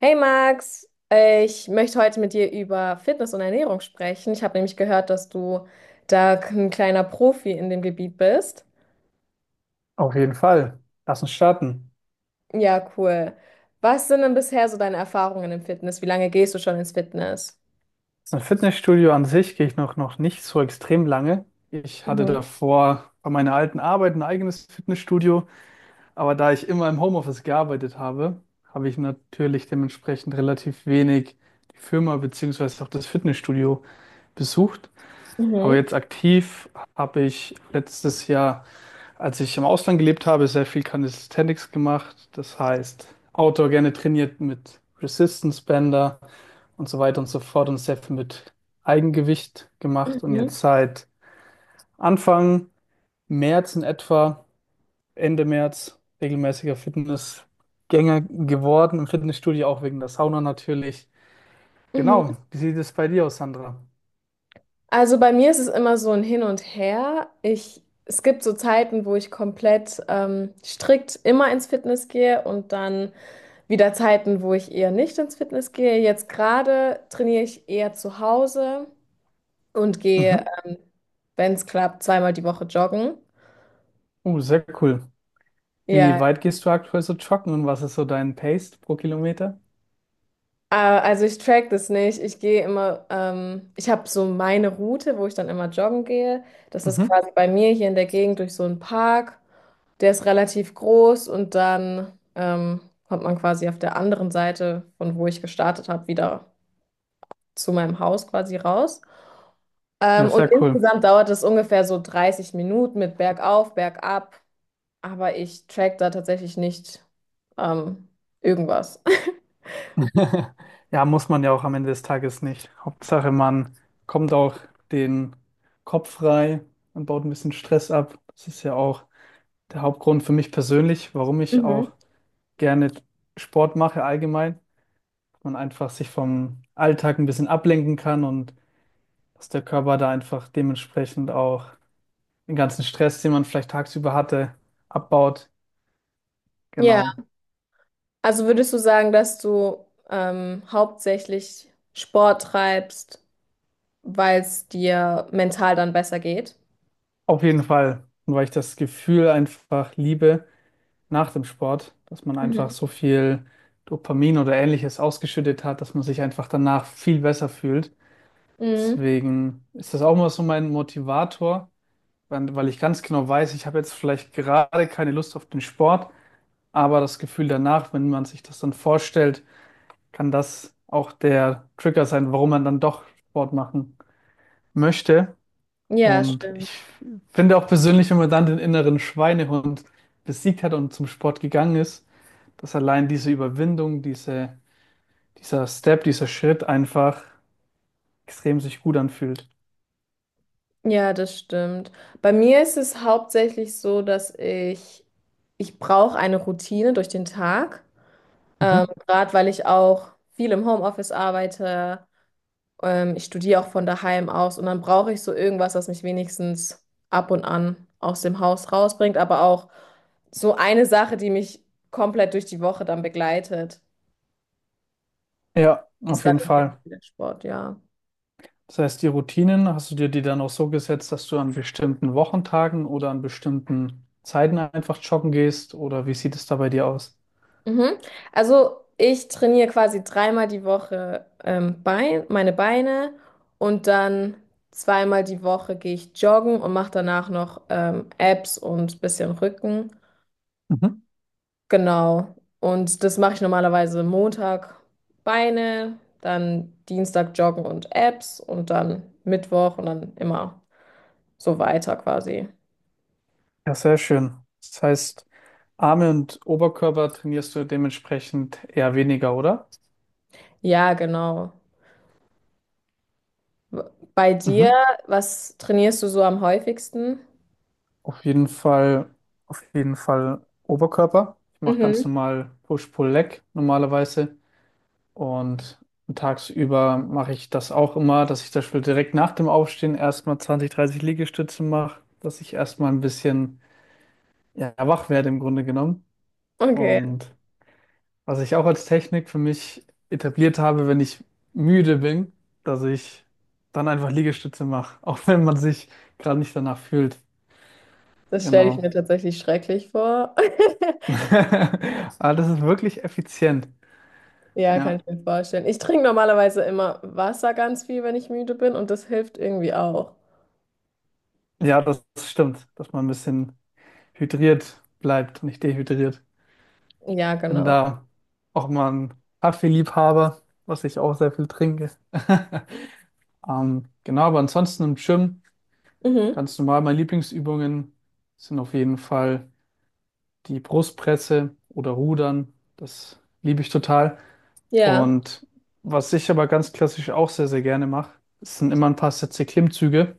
Hey Max, ich möchte heute mit dir über Fitness und Ernährung sprechen. Ich habe nämlich gehört, dass du da ein kleiner Profi in dem Gebiet bist. Auf jeden Fall. Lass uns starten. Ja, cool. Was sind denn bisher so deine Erfahrungen im Fitness? Wie lange gehst du schon ins Fitness? Das Fitnessstudio an sich gehe ich noch nicht so extrem lange. Ich hatte Mhm, davor bei meiner alten Arbeit ein eigenes Fitnessstudio, aber da ich immer im Homeoffice gearbeitet habe, habe ich natürlich dementsprechend relativ wenig die Firma beziehungsweise auch das Fitnessstudio besucht. Aber mhm, jetzt aktiv habe ich letztes Jahr, als ich im Ausland gelebt habe, sehr viel Calisthenics gemacht. Das heißt, Outdoor gerne trainiert mit Resistance Bänder und so weiter und so fort und sehr viel mit Eigengewicht gemacht. Und mhm, jetzt seit Anfang März in etwa, Ende März, regelmäßiger Fitnessgänger geworden, im Fitnessstudio auch wegen der Sauna natürlich. mhm. Genau, wie sieht es bei dir aus, Sandra? Also bei mir ist es immer so ein Hin und Her. Ich, es gibt so Zeiten, wo ich komplett strikt immer ins Fitness gehe und dann wieder Zeiten, wo ich eher nicht ins Fitness gehe. Jetzt gerade trainiere ich eher zu Hause und gehe, Mhm. Wenn es klappt, zweimal die Woche joggen. Oh, sehr cool. Wie Ja, weit gehst du aktuell so joggen und was ist so dein Pace pro Kilometer? Also ich track das nicht. Ich gehe immer, ich habe so meine Route, wo ich dann immer joggen gehe. Das ist Mhm. quasi bei mir hier in der Gegend durch so einen Park. Der ist relativ groß und dann kommt man quasi auf der anderen Seite, von wo ich gestartet habe, wieder zu meinem Haus quasi raus. Ja, Und sehr cool. insgesamt dauert es ungefähr so 30 Minuten mit bergauf, bergab. Aber ich track da tatsächlich nicht ähm, irgendwas. Ja, muss man ja auch am Ende des Tages nicht. Hauptsache, man kommt auch den Kopf frei und baut ein bisschen Stress ab. Das ist ja auch der Hauptgrund für mich persönlich, warum ich auch gerne Sport mache allgemein. Man einfach sich vom Alltag ein bisschen ablenken kann und dass der Körper da einfach dementsprechend auch den ganzen Stress, den man vielleicht tagsüber hatte, abbaut. Ja, Genau. also würdest du sagen, dass du hauptsächlich Sport treibst, weil es dir mental dann besser geht? Auf jeden Fall. Und weil ich das Gefühl einfach liebe, nach dem Sport, dass man einfach Mhm. so viel Dopamin oder ähnliches ausgeschüttet hat, dass man sich einfach danach viel besser fühlt. Mhm. Deswegen ist das auch immer so mein Motivator, weil ich ganz genau weiß, ich habe jetzt vielleicht gerade keine Lust auf den Sport, aber das Gefühl danach, wenn man sich das dann vorstellt, kann das auch der Trigger sein, warum man dann doch Sport machen möchte. Ja, Und stimmt. ich finde auch persönlich, wenn man dann den inneren Schweinehund besiegt hat und zum Sport gegangen ist, dass allein diese Überwindung, dieser Step, dieser Schritt einfach extrem sich gut anfühlt. Ja, das stimmt. Bei mir ist es hauptsächlich so, ich brauche eine Routine durch den Tag. Mhm. Gerade weil ich auch viel im Homeoffice arbeite. Ich studiere auch von daheim aus und dann brauche ich so irgendwas, was mich wenigstens ab und an aus dem Haus rausbringt, aber auch so eine Sache, die mich komplett durch die Woche dann begleitet, Ja, ist auf dann jeden in dem Fall Fall. der Sport, ja. Das heißt, die Routinen, hast du dir die dann auch so gesetzt, dass du an bestimmten Wochentagen oder an bestimmten Zeiten einfach joggen gehst? Oder wie sieht es da bei dir aus? Mhm. Also ich trainiere quasi dreimal die Woche meine Beine und dann zweimal die Woche gehe ich joggen und mache danach noch Abs und bisschen Rücken. Mhm. Genau. Und das mache ich normalerweise Montag Beine, dann Dienstag Joggen und Abs und dann Mittwoch und dann immer so weiter quasi. Ja, sehr schön. Das heißt, Arme und Oberkörper trainierst du dementsprechend eher weniger, oder? Ja, genau. W- Bei dir, Mhm. was trainierst du so am häufigsten? Auf jeden Fall, auf jeden Fall Oberkörper. Ich mache ganz Mhm. normal Push-Pull-Leg normalerweise. Und tagsüber mache ich das auch immer, dass ich zum Beispiel direkt nach dem Aufstehen erstmal 20-30 Liegestütze mache, dass ich erstmal ein bisschen ja, wach werde im Grunde genommen. Okay, Und was ich auch als Technik für mich etabliert habe, wenn ich müde bin, dass ich dann einfach Liegestütze mache, auch wenn man sich gerade nicht danach fühlt. das stelle ich Genau. mir tatsächlich schrecklich vor. Aber das ist wirklich effizient. Ja, kann Ja. ich mir vorstellen. Ich trinke normalerweise immer Wasser ganz viel, wenn ich müde bin und das hilft irgendwie auch. Ja, das stimmt, dass man ein bisschen hydriert bleibt, nicht dehydriert. Ja, Ich bin genau. da auch mal ein Kaffeeliebhaber, was ich auch sehr viel trinke. Genau, aber ansonsten im Gym Mhm. ganz normal. Meine Lieblingsübungen sind auf jeden Fall die Brustpresse oder Rudern. Das liebe ich total. Ja, Und was ich aber ganz klassisch auch sehr, sehr gerne mache, sind immer ein paar Sätze Klimmzüge.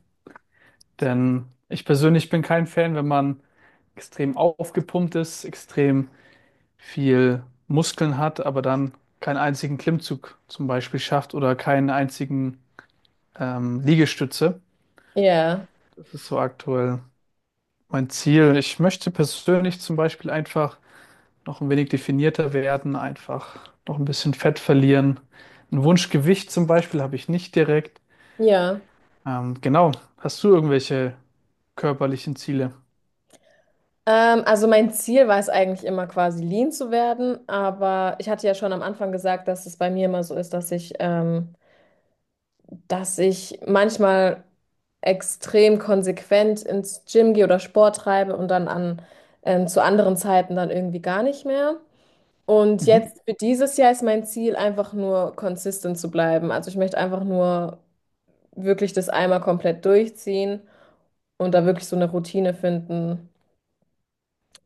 Denn ich persönlich bin kein Fan, wenn man extrem aufgepumpt ist, extrem viel Muskeln hat, aber dann keinen einzigen Klimmzug zum Beispiel schafft oder keinen einzigen Liegestütze. ja, Das ist so aktuell mein Ziel. Ich möchte persönlich zum Beispiel einfach noch ein wenig definierter werden, einfach noch ein bisschen Fett verlieren. Ein Wunschgewicht zum Beispiel habe ich nicht direkt. ja. Genau. Hast du irgendwelche körperlichen Ziele? Also mein Ziel war es eigentlich immer quasi lean zu werden, aber ich hatte ja schon am Anfang gesagt, dass es bei mir immer so ist, dass ich manchmal extrem konsequent ins Gym gehe oder Sport treibe und dann zu anderen Zeiten dann irgendwie gar nicht mehr. Und Mhm. jetzt für dieses Jahr ist mein Ziel einfach nur consistent zu bleiben. Also ich möchte einfach nur wirklich das einmal komplett durchziehen und da wirklich so eine Routine finden.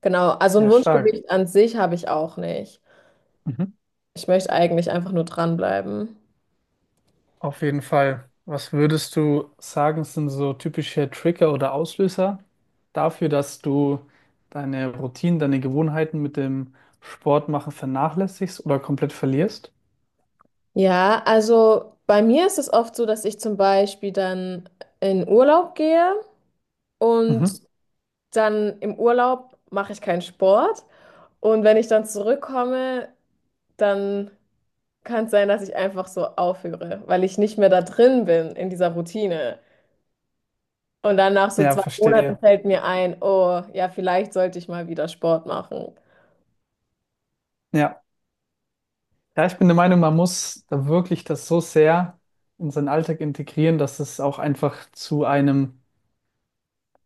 Genau, also ein Ja, stark. Wunschgewicht an sich habe ich auch nicht. Ich möchte eigentlich einfach nur dranbleiben. Auf jeden Fall. Was würdest du sagen, sind so typische Trigger oder Auslöser dafür, dass du deine Routinen, deine Gewohnheiten mit dem Sport machen vernachlässigst oder komplett verlierst? Ja, also bei mir ist es oft so, dass ich zum Beispiel dann in Urlaub gehe Mhm. und dann im Urlaub mache ich keinen Sport. Und wenn ich dann zurückkomme, dann kann es sein, dass ich einfach so aufhöre, weil ich nicht mehr da drin bin in dieser Routine. Und dann nach so Ja, zwei Monaten verstehe. fällt mir ein, oh, ja, vielleicht sollte ich mal wieder Sport machen. Ja. Ja, ich bin der Meinung, man muss da wirklich das so sehr in seinen Alltag integrieren, dass es auch einfach zu einem,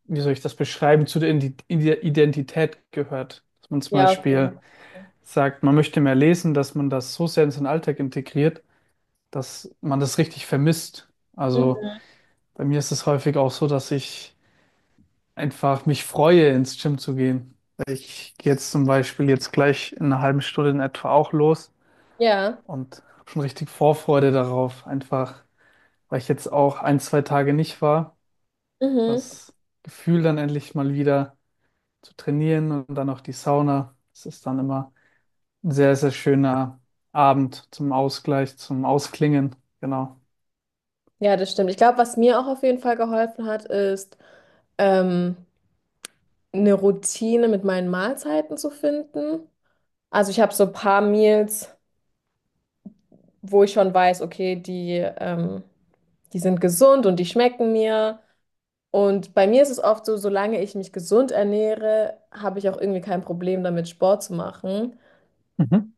wie soll ich das beschreiben, zu der Identität gehört. Dass man zum Ja, auf jeden Beispiel sagt, man möchte mehr lesen, dass man das so sehr in seinen Alltag integriert, dass man das richtig vermisst. Fall. Also bei mir ist es häufig auch so, dass ich einfach mich freue, ins Gym zu gehen. Ich gehe jetzt zum Beispiel jetzt gleich in einer halben Stunde in etwa auch los Ja, und habe schon richtig Vorfreude darauf, einfach weil ich jetzt auch ein, zwei Tage nicht war. mhm. Das Gefühl dann endlich mal wieder zu trainieren und dann auch die Sauna. Das ist dann immer ein sehr, sehr schöner Abend zum Ausgleich, zum Ausklingen. Genau. Ja, das stimmt. Ich glaube, was mir auch auf jeden Fall geholfen hat, ist, ähm, eine Routine mit meinen Mahlzeiten zu finden. Also ich habe so ein paar Meals, wo ich schon weiß, okay, die sind gesund und die schmecken mir. Und bei mir ist es oft so, solange ich mich gesund ernähre, habe ich auch irgendwie kein Problem damit, Sport zu machen. Mhm.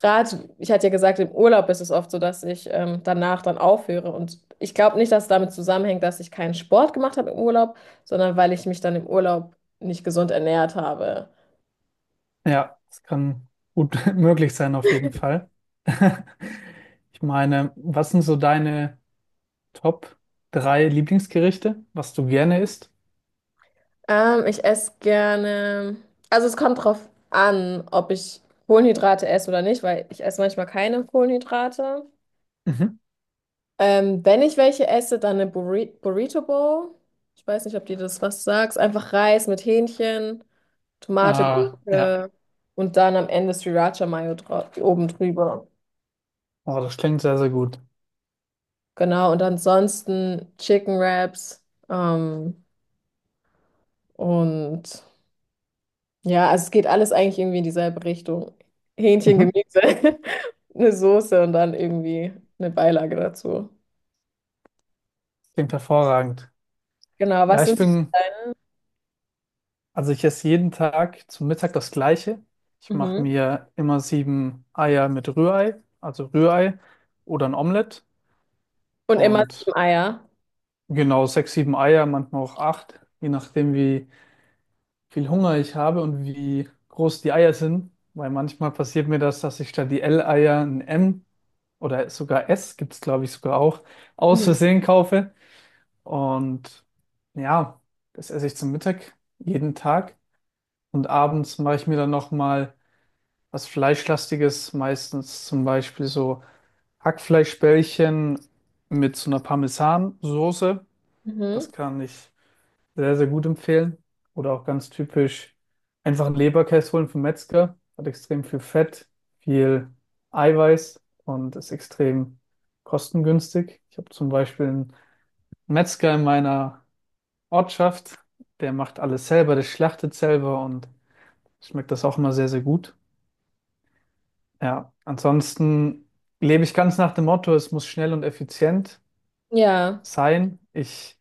Gerade, ich hatte ja gesagt, im Urlaub ist es oft so, dass ich danach dann aufhöre. Und ich glaube nicht, dass es damit zusammenhängt, dass ich keinen Sport gemacht habe im Urlaub, sondern weil ich mich dann im Urlaub nicht gesund ernährt habe. Ja, das kann gut möglich sein auf jeden Fall. Ich meine, was sind so deine Top drei Lieblingsgerichte, was du gerne isst? Ich esse gerne, also es kommt drauf an, ob ich Kohlenhydrate esse oder nicht, weil ich esse manchmal keine Kohlenhydrate. Mhm. Wenn ich welche esse, dann eine Burrito Bowl. Ich weiß nicht, ob dir das was sagt. Einfach Reis mit Hähnchen. Tomate, Ah, ja. Gurke und dann am Ende Sriracha Mayo dra oben drüber. Oh, das klingt sehr, sehr gut. Genau, und ansonsten Chicken Wraps. Und ja, also es geht alles eigentlich irgendwie in dieselbe Richtung. Hähnchen, Mhm. Gemüse, eine Soße und dann irgendwie eine Beilage dazu. Klingt hervorragend. Genau, Ja, was ich sind... bin, also ich esse jeden Tag zum Mittag das Gleiche. Ich mache Mhm. mir immer sieben Eier mit Rührei, also Rührei oder ein Omelett Und immer und 7 Eier. genau sechs, sieben Eier, manchmal auch acht, je nachdem wie viel Hunger ich habe und wie groß die Eier sind, weil manchmal passiert mir das, dass ich statt die L-Eier ein M oder sogar S, gibt es glaube ich sogar auch, aus Mhm. Versehen kaufe. Und ja, das esse ich zum Mittag jeden Tag. Und abends mache ich mir dann nochmal was Fleischlastiges, meistens zum Beispiel so Hackfleischbällchen mit so einer Parmesansoße. Das Mhm. kann ich sehr, sehr gut empfehlen. Oder auch ganz typisch einfach einen Leberkäse holen vom Metzger. Hat extrem viel Fett, viel Eiweiß und ist extrem kostengünstig. Ich habe zum Beispiel einen Metzger in meiner Ortschaft, der macht alles selber, der schlachtet selber und schmeckt das auch immer sehr, sehr gut. Ja, ansonsten lebe ich ganz nach dem Motto, es muss schnell und effizient Ja, sein. Ich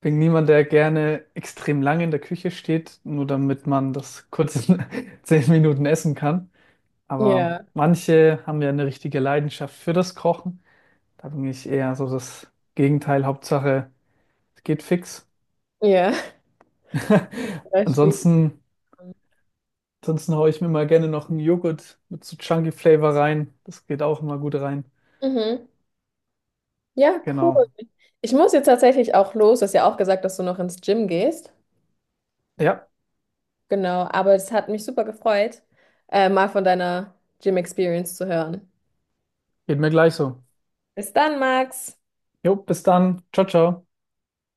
bin niemand, der gerne extrem lange in der Küche steht, nur damit man das kurz in 10 Minuten essen kann. Aber ja, manche haben ja eine richtige Leidenschaft für das Kochen. Da bin ich eher so das Gegenteil. Hauptsache, es geht fix. ja. Da schließt Ansonsten, man. ansonsten, haue ich mir mal gerne noch einen Joghurt mit so Chunky Flavor rein. Das geht auch immer gut rein. Mhm. Ja, cool. Genau. Ich muss jetzt tatsächlich auch los. Du hast ja auch gesagt, dass du noch ins Gym gehst. Ja, Genau, aber es hat mich super gefreut, mal von deiner Gym-Experience zu hören. geht mir gleich so. Bis dann, Max. Jo, bis dann. Ciao, ciao.